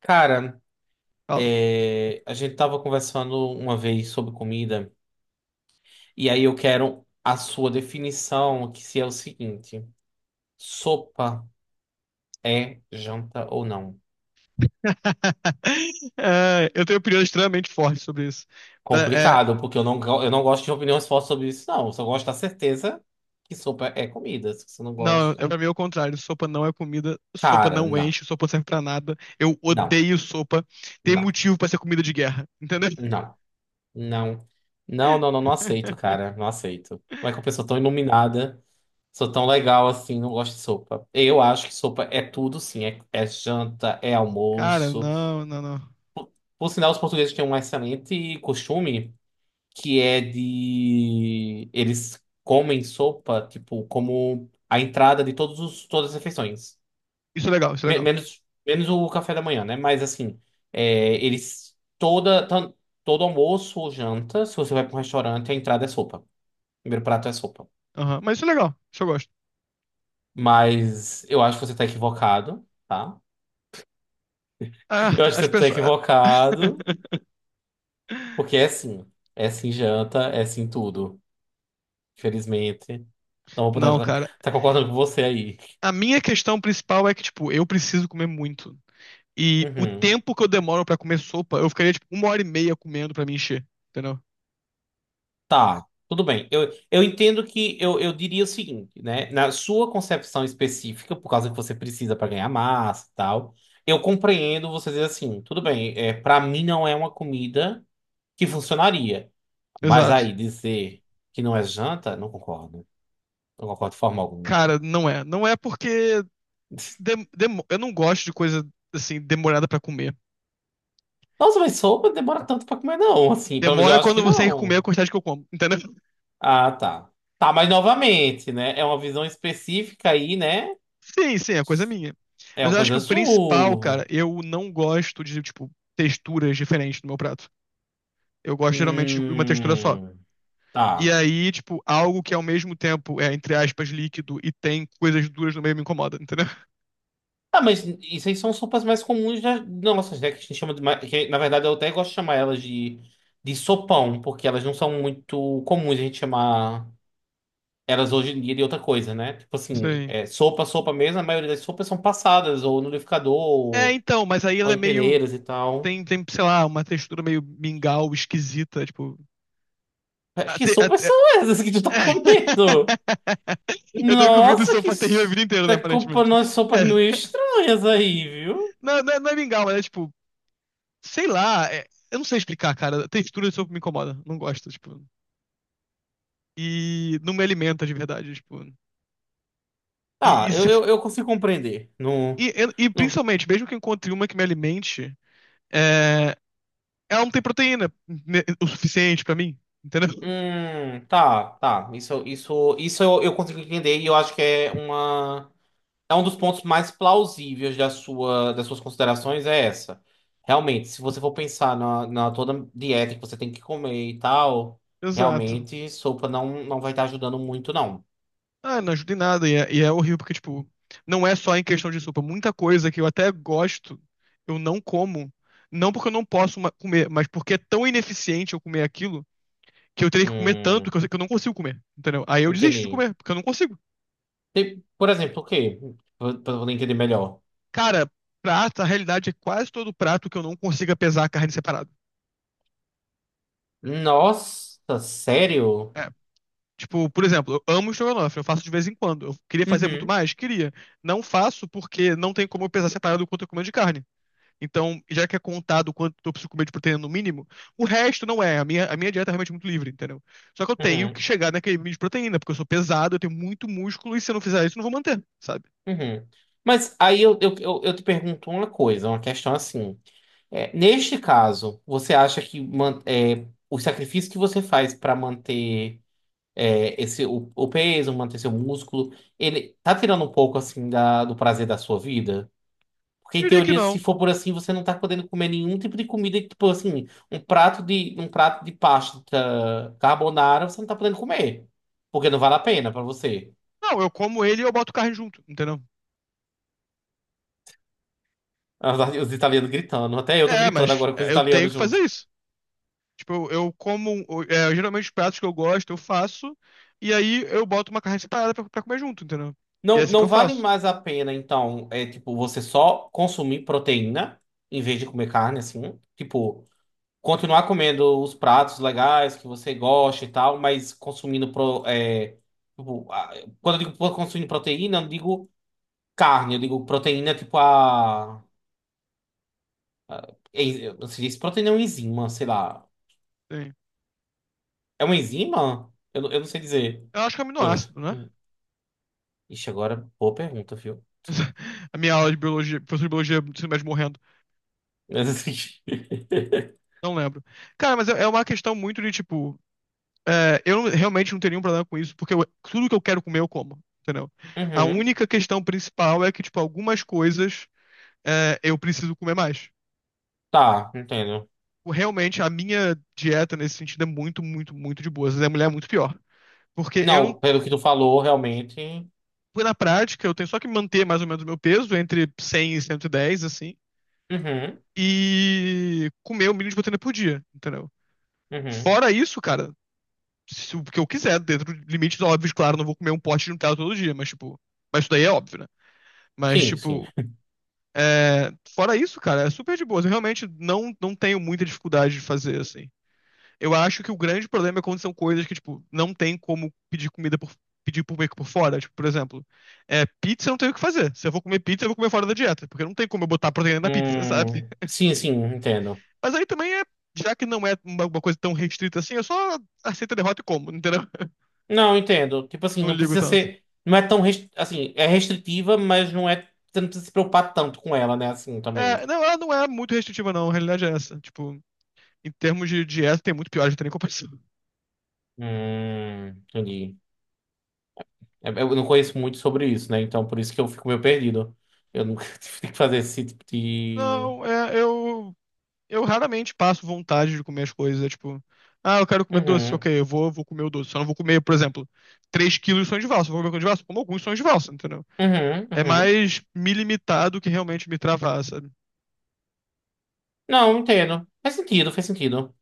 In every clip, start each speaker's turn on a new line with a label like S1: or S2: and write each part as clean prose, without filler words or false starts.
S1: Cara,
S2: Fala.
S1: a gente tava conversando uma vez sobre comida, e aí eu quero a sua definição, que se é o seguinte: sopa é janta ou não?
S2: É, eu tenho opiniões extremamente fortes sobre isso. Pra- é,
S1: Complicado, porque eu não gosto de opiniões fortes sobre isso, não. Eu só gosto da certeza que sopa é comida. Se você não
S2: Não, é
S1: gosta.
S2: pra mim é o contrário. Sopa não é comida, sopa
S1: Cara,
S2: não
S1: não,
S2: enche, sopa não serve pra nada. Eu
S1: não,
S2: odeio sopa. Tem
S1: não,
S2: motivo pra ser comida de guerra, entendeu?
S1: não, não, não, não, não, não aceito, cara. Não aceito. Como é que uma pessoa tão iluminada. Sou tão legal assim, não gosto de sopa. Eu acho que sopa é tudo, sim. É janta, é
S2: Cara,
S1: almoço.
S2: não, não, não.
S1: Por sinal, os portugueses têm um excelente costume que é de. Eles comem sopa, tipo, como a entrada de todas as refeições.
S2: Isso é legal, isso é
S1: Me-
S2: legal.
S1: menos, menos o café da manhã, né? Mas assim, eles. Toda, tan- Todo almoço ou janta, se você vai para um restaurante, a entrada é sopa. O primeiro prato é sopa.
S2: Aham, mas isso é legal, isso eu gosto.
S1: Mas eu acho que você está equivocado, tá?
S2: Ah,
S1: Eu acho que
S2: as
S1: você tá
S2: pessoas.
S1: equivocado, porque é sim. É sim janta, é sim tudo. Infelizmente. Não vou poder
S2: Não,
S1: tá,
S2: cara.
S1: tá concordando com você aí.
S2: A minha questão principal é que, tipo, eu preciso comer muito. E o
S1: Uhum.
S2: tempo que eu demoro pra comer sopa, eu ficaria, tipo, uma hora e meia comendo pra me encher, entendeu?
S1: Tá, tudo bem. Eu entendo que eu diria o seguinte, né? Na sua concepção específica, por causa que você precisa para ganhar massa e tal, eu compreendo você dizer assim, tudo bem, para mim não é uma comida que funcionaria. Mas
S2: Exato.
S1: aí dizer que não é janta, não concordo. Não concordo de forma alguma.
S2: Cara, não é. Não é porque. Eu não gosto de coisa assim, demorada pra comer.
S1: Nossa, mas sopa demora tanto pra comer, não, assim. Pelo menos eu
S2: Demora
S1: acho
S2: quando
S1: que
S2: você tem comer
S1: não.
S2: a quantidade que eu como, entendeu?
S1: Ah, tá. Tá, mas novamente, né? É uma visão específica aí, né?
S2: Sim, sim, é coisa minha.
S1: É
S2: Mas
S1: uma
S2: eu acho que
S1: coisa
S2: o principal, cara,
S1: sua.
S2: eu não gosto de, tipo, texturas diferentes no meu prato. Eu gosto geralmente de uma textura só.
S1: Hum.
S2: E
S1: Tá.
S2: aí, tipo, algo que ao mesmo tempo é, entre aspas, líquido e tem coisas duras no meio me incomoda, entendeu?
S1: Ah, mas isso aí são sopas mais comuns nossas, né? Que a gente chama de. Que, na verdade, eu até gosto de chamar elas de, sopão, porque elas não são muito comuns a gente chamar elas hoje em dia de outra coisa, né? Tipo assim,
S2: Sim.
S1: sopa, sopa mesmo, a maioria das sopas são passadas, ou no liquidificador,
S2: É,
S1: ou
S2: então, mas aí
S1: ou
S2: ela é
S1: em
S2: meio.
S1: peneiras e tal.
S2: Tem, sei lá, uma textura meio mingau esquisita, tipo.
S1: Que
S2: Até,
S1: sopas são essas que tu tá comendo?
S2: eu tô comendo
S1: Nossa,
S2: sopa terrível a vida inteira, né,
S1: tá
S2: aparentemente.
S1: comprando umas sopas meio
S2: É.
S1: estranhas aí, viu?
S2: Não, não, não é mingau, mas é tipo, sei lá, eu não sei explicar, cara. A textura de sopa me incomoda, não gosto, tipo. E não me alimenta de verdade, tipo.
S1: Tá,
S2: E,
S1: eu,
S2: se,
S1: eu, eu consigo compreender. No,
S2: e,
S1: no,
S2: principalmente, mesmo que eu encontre uma que me alimente, é, ela não tem proteína o suficiente pra mim, entendeu?
S1: tá, tá. Isso eu consigo entender e eu acho que é é um dos pontos mais plausíveis das suas considerações é essa. Realmente, se você for pensar na, toda dieta que você tem que comer e tal,
S2: Exato.
S1: realmente sopa não vai estar ajudando muito, não.
S2: Ah, não ajuda em nada. E é horrível, porque, tipo, não é só em questão de sopa. Muita coisa que eu até gosto, eu não como. Não porque eu não posso comer, mas porque é tão ineficiente eu comer aquilo que eu teria que comer tanto que
S1: Hum.
S2: eu, sei que eu não consigo comer. Entendeu? Aí eu desisto de
S1: Entendi.
S2: comer, porque eu não consigo.
S1: Por exemplo, o quê? Pra poder entender melhor.
S2: Cara, prato, a realidade é quase todo prato que eu não consiga pesar a carne separado.
S1: Nossa, sério?
S2: É. Tipo, por exemplo, eu amo estrogonofe, eu faço de vez em quando. Eu queria fazer muito
S1: Uhum,
S2: mais? Queria. Não faço porque não tem como eu pesar separado o quanto eu como de carne. Então, já que é contado quanto eu preciso comer de proteína no mínimo, o resto não é. A minha dieta é realmente muito livre, entendeu? Só que eu tenho que
S1: uhum,
S2: chegar naquele mínimo de proteína, porque eu sou pesado, eu tenho muito músculo, e se eu não fizer isso, eu não vou manter, sabe?
S1: uhum. Mas aí eu te pergunto uma coisa, uma questão assim. Neste caso, você acha que o sacrifício que você faz para manter o peso, manter seu músculo, ele tá tirando um pouco assim do prazer da sua vida? Porque,
S2: Eu
S1: em
S2: diria que
S1: teoria, se
S2: não.
S1: for por assim, você não tá podendo comer nenhum tipo de comida, tipo assim, um prato de pasta carbonara, você não tá podendo comer. Porque não vale a pena pra você.
S2: Não, eu como ele e eu boto carne junto, entendeu?
S1: Os os italianos gritando, até eu tô
S2: É,
S1: gritando
S2: mas
S1: agora com os
S2: é, eu tenho
S1: italianos
S2: que fazer
S1: junto.
S2: isso. Tipo, eu como. Geralmente os pratos que eu gosto, eu faço, e aí eu boto uma carne separada pra comer junto, entendeu? E é
S1: Não,
S2: assim que
S1: não
S2: eu
S1: vale
S2: faço.
S1: mais a pena, então, é tipo, você só consumir proteína em vez de comer carne, assim. Tipo, continuar comendo os pratos legais que você gosta e tal, mas consumindo pro, tipo, quando eu digo consumindo proteína, eu não digo. Carne, eu digo proteína, tipo a. Eu não sei se proteína é um enzima, sei lá.
S2: Sim.
S1: É uma enzima? Eu não sei dizer.
S2: Eu acho que é
S1: Eu.
S2: aminoácido, né?
S1: Ixi, agora, boa pergunta, viu?
S2: A minha aula de biologia, professor de biologia do ensino médio morrendo.
S1: Mas, assim,
S2: Não lembro. Cara, mas é uma questão muito de tipo. Eu realmente não teria um problema com isso, porque tudo que eu quero comer eu como, entendeu? A
S1: Uhum.
S2: única questão principal é que, tipo, algumas coisas eu preciso comer mais.
S1: Tá, entendo.
S2: Realmente, a minha dieta nesse sentido é muito, muito, muito de boa. Às vezes a mulher é muito pior. Porque eu não.
S1: Não, pelo que tu falou, realmente.
S2: Na prática, eu tenho só que manter mais ou menos o meu peso, entre 100 e 110, assim,
S1: Uhum,
S2: e comer o mínimo de proteína por dia, entendeu?
S1: uhum.
S2: Fora isso, cara, se o que eu quiser, dentro de limites óbvios, claro, não vou comer um pote de Nutella todo dia, mas tipo. Mas isso daí é óbvio, né? Mas,
S1: Sim, sim.
S2: tipo, fora isso, cara, é super de boa. Eu realmente não tenho muita dificuldade de fazer, assim. Eu acho que o grande problema é quando são coisas que, tipo, não tem como pedir comida por, pedir por meio que por fora. Tipo, por exemplo, pizza eu não tenho o que fazer. Se eu vou comer pizza, eu vou comer fora da dieta, porque não tem como eu botar proteína na pizza, sabe?
S1: Sim, sim, entendo.
S2: Mas aí também já que não é uma coisa tão restrita assim, eu só aceito a derrota e como, entendeu?
S1: Não, entendo. Tipo assim,
S2: Não
S1: não
S2: ligo
S1: precisa
S2: tanto.
S1: ser. Não é tão. Assim, é restritiva, mas não é. Você não precisa se preocupar tanto com ela, né? Assim, também.
S2: É, não, ela não é muito restritiva, não. A realidade é essa. Tipo, em termos de dieta, tem muito pior, já gente tem nem comparação.
S1: Entendi. Eu não conheço muito sobre isso, né? Então por isso que eu fico meio perdido. Eu nunca tive que fazer esse tipo de.
S2: Não, eu raramente passo vontade de comer as coisas. Tipo, ah, eu quero comer doce.
S1: Uhum,
S2: Ok, eu vou comer o doce. Só não vou comer, por exemplo, 3 quilos de sonho de valsa. Eu vou comer coisa de valsa? Como alguns sonhos de valsa, entendeu?
S1: uhum,
S2: É
S1: uhum.
S2: mais me limitar do que realmente me travar, sabe?
S1: Não, entendo. Faz sentido, faz sentido.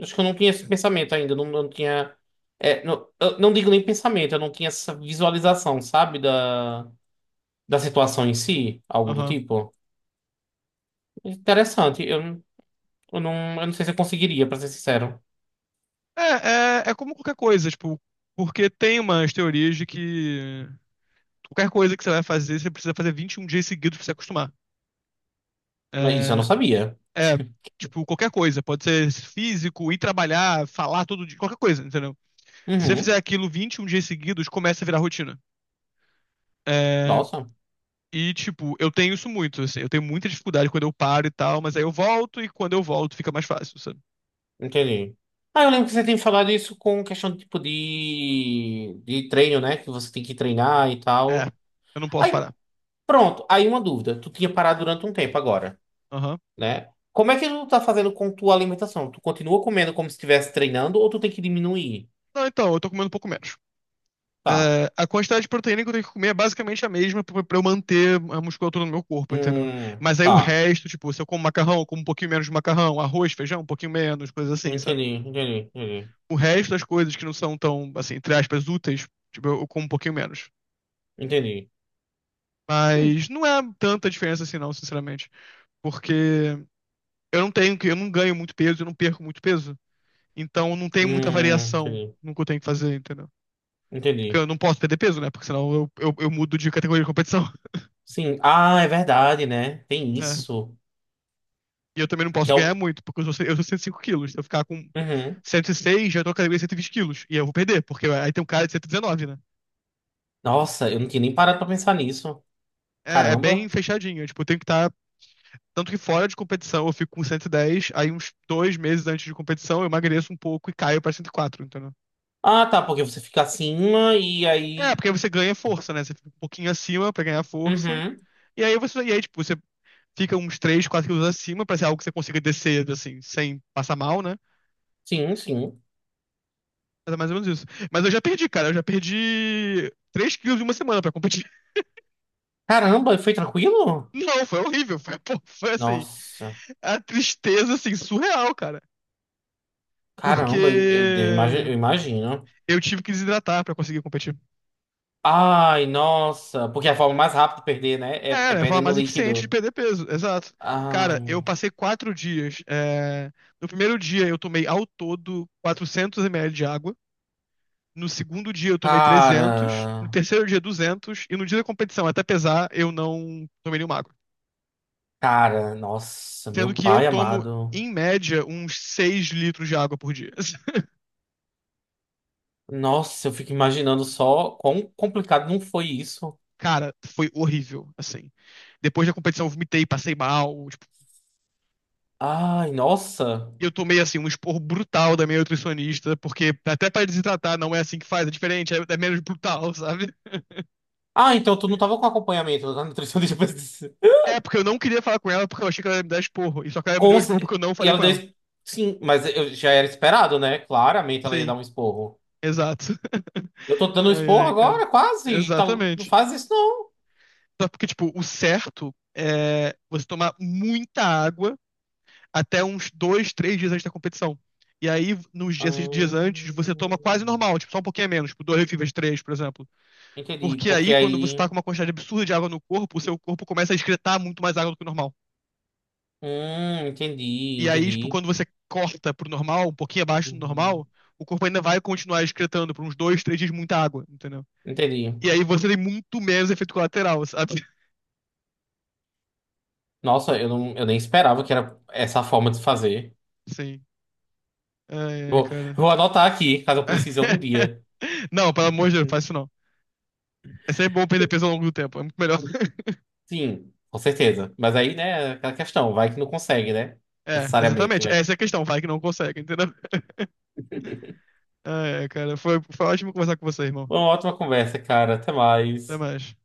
S1: Acho que eu não tinha esse pensamento ainda. Não, não tinha. Não, eu não digo nem pensamento, eu não tinha essa visualização, sabe? Da situação em si, algo do
S2: Aham.
S1: tipo. Interessante. Eu, não, eu não sei se eu conseguiria, pra ser sincero.
S2: É como qualquer coisa, tipo, porque tem umas teorias de que qualquer coisa que você vai fazer, você precisa fazer 21 dias seguidos pra se acostumar.
S1: Mas isso eu não
S2: É,
S1: sabia.
S2: É, tipo, qualquer coisa. Pode ser físico, ir trabalhar, falar todo dia, qualquer coisa, entendeu? Se você fizer
S1: Uhum.
S2: aquilo 21 dias seguidos, começa a virar rotina. É,
S1: Nossa.
S2: e, tipo, eu tenho isso muito, assim. Eu tenho muita dificuldade quando eu paro e tal, mas aí eu volto e quando eu volto fica mais fácil, sabe?
S1: Entendi. Ah, eu lembro que você tem falado isso com questão de tipo de treino, né? Que você tem que treinar e
S2: É,
S1: tal.
S2: eu não posso
S1: Aí,
S2: parar.
S1: pronto. Aí uma dúvida. Tu tinha parado durante um tempo agora,
S2: Aham.
S1: né? Como é que tu tá fazendo com tua alimentação? Tu continua comendo como se estivesse treinando ou tu tem que diminuir?
S2: Não, então, eu tô comendo um pouco menos.
S1: Tá.
S2: É, a quantidade de proteína que eu tenho que comer é basicamente a mesma pra eu manter a musculatura no meu corpo, entendeu? Mas aí o
S1: Tá.
S2: resto, tipo, se eu como macarrão, eu como um pouquinho menos de macarrão, arroz, feijão, um pouquinho menos, coisas assim, sabe?
S1: Entendi, entendi, entendi.
S2: O resto das coisas que não são tão, assim, entre aspas, úteis, tipo, eu como um pouquinho menos.
S1: Entendi. Hum,
S2: Mas não é tanta diferença assim, não, sinceramente. Porque eu não tenho, eu não ganho muito peso, eu não perco muito peso. Então não tem muita variação
S1: entendi,
S2: no que eu tenho que fazer, entendeu? Porque
S1: entendi.
S2: eu não posso perder peso, né? Porque senão eu mudo de categoria de competição.
S1: Sim. Ah, é verdade, né? Tem
S2: Né?
S1: isso.
S2: E eu também não
S1: Que
S2: posso
S1: é o.
S2: ganhar muito, porque eu sou 105 quilos. Se eu ficar com
S1: Uhum.
S2: 106, já tô na categoria de 120 quilos. E eu vou perder, porque aí tem um cara de 119, né?
S1: Nossa, eu não tinha nem parado pra pensar nisso.
S2: É, é bem
S1: Caramba.
S2: fechadinho. É, Tipo, eu tenho que estar Tanto que fora de competição eu fico com 110, aí uns 2 meses antes de competição eu emagreço um pouco e caio pra 104, entendeu?
S1: Ah, tá, porque você fica acima e
S2: É,
S1: aí.
S2: porque aí você ganha força, né? Você fica um pouquinho acima pra ganhar força.
S1: Uhum.
S2: E aí, tipo, você fica uns 3 4 quilos acima pra ser algo que você consiga descer, assim, sem passar mal, né?
S1: Sim, sim.
S2: Mas é mais ou menos isso. Mas eu já perdi, cara. Eu já perdi 3 quilos em uma semana pra competir.
S1: Caramba, e foi tranquilo?
S2: Não, foi horrível. Foi, pô, foi assim,
S1: Nossa.
S2: a tristeza, assim, surreal, cara. Porque
S1: Caramba, eu imagino.
S2: eu tive que desidratar pra conseguir competir.
S1: Ai, nossa. Porque é a forma mais rápida de perder, né? É,
S2: É,
S1: é
S2: né? Forma
S1: perdendo
S2: mais eficiente de
S1: líquido.
S2: perder peso, exato. Cara,
S1: Ai.
S2: eu passei 4 dias. No primeiro dia eu tomei ao todo 400 ml de água. No segundo dia eu tomei 300. No
S1: Cara.
S2: terceiro dia 200. E no dia da competição, até pesar, eu não tomei nenhuma água.
S1: Cara, nossa,
S2: Sendo
S1: meu
S2: que eu
S1: pai
S2: tomo,
S1: amado.
S2: em média, uns 6 litros de água por dia.
S1: Nossa, eu fico imaginando só quão complicado não foi isso.
S2: Cara, foi horrível, assim. Depois da competição eu vomitei, passei mal. Tipo,
S1: Ai, nossa.
S2: E eu tomei, assim, um esporro brutal da minha nutricionista, porque até pra desidratar não é assim que faz, é diferente, é menos brutal, sabe?
S1: Ah, então tu não tava com acompanhamento da nutricionista.
S2: É, porque eu não queria falar com ela porque eu achei que ela ia me dar esporro. E só que ela me
S1: Com
S2: deu esporro porque eu não
S1: E
S2: falei
S1: ela
S2: com ela.
S1: deu. Sim, mas eu já era esperado, né? Claramente ela ia dar
S2: Sim,
S1: um esporro.
S2: exato.
S1: Eu tô dando um
S2: Ai,
S1: esporro
S2: ai,
S1: agora,
S2: cara.
S1: quase. Tá. Não
S2: Exatamente.
S1: faz isso, não.
S2: Só porque, tipo, o certo é você tomar muita água até uns dois, três dias antes da competição. E aí, nos dias, esses dias
S1: Ah,
S2: antes, você toma quase normal, tipo, só um pouquinho a menos, tipo, dois refis três, por exemplo.
S1: entendi.
S2: Porque
S1: Porque
S2: aí, quando você tá
S1: aí.
S2: com uma quantidade absurda de água no corpo, o seu corpo começa a excretar muito mais água do que o normal.
S1: Entendi,
S2: E aí, tipo,
S1: entendi.
S2: quando você corta pro normal, um pouquinho abaixo do
S1: Hum,
S2: normal, o corpo ainda vai continuar excretando por uns dois, três dias muita água, entendeu?
S1: Entendi.
S2: E aí você tem muito menos efeito colateral, sabe?
S1: Nossa, não, eu nem esperava que era essa a forma de fazer.
S2: Sim. Ai, ai,
S1: Vou,
S2: cara.
S1: vou anotar aqui, caso eu precise algum dia.
S2: Não, pelo amor de Deus, faz
S1: Uhum.
S2: isso não. É sempre bom perder peso ao longo do tempo, é muito melhor.
S1: Sim, com certeza. Mas aí, né, aquela questão, vai que não consegue, né?
S2: É,
S1: Necessariamente.
S2: exatamente.
S1: Vai
S2: Essa é a questão, vai que não consegue, entendeu? Ai, ai, cara, foi ótimo conversar com você, irmão.
S1: Foi uma ótima conversa, cara. Até
S2: Até
S1: mais.
S2: mais.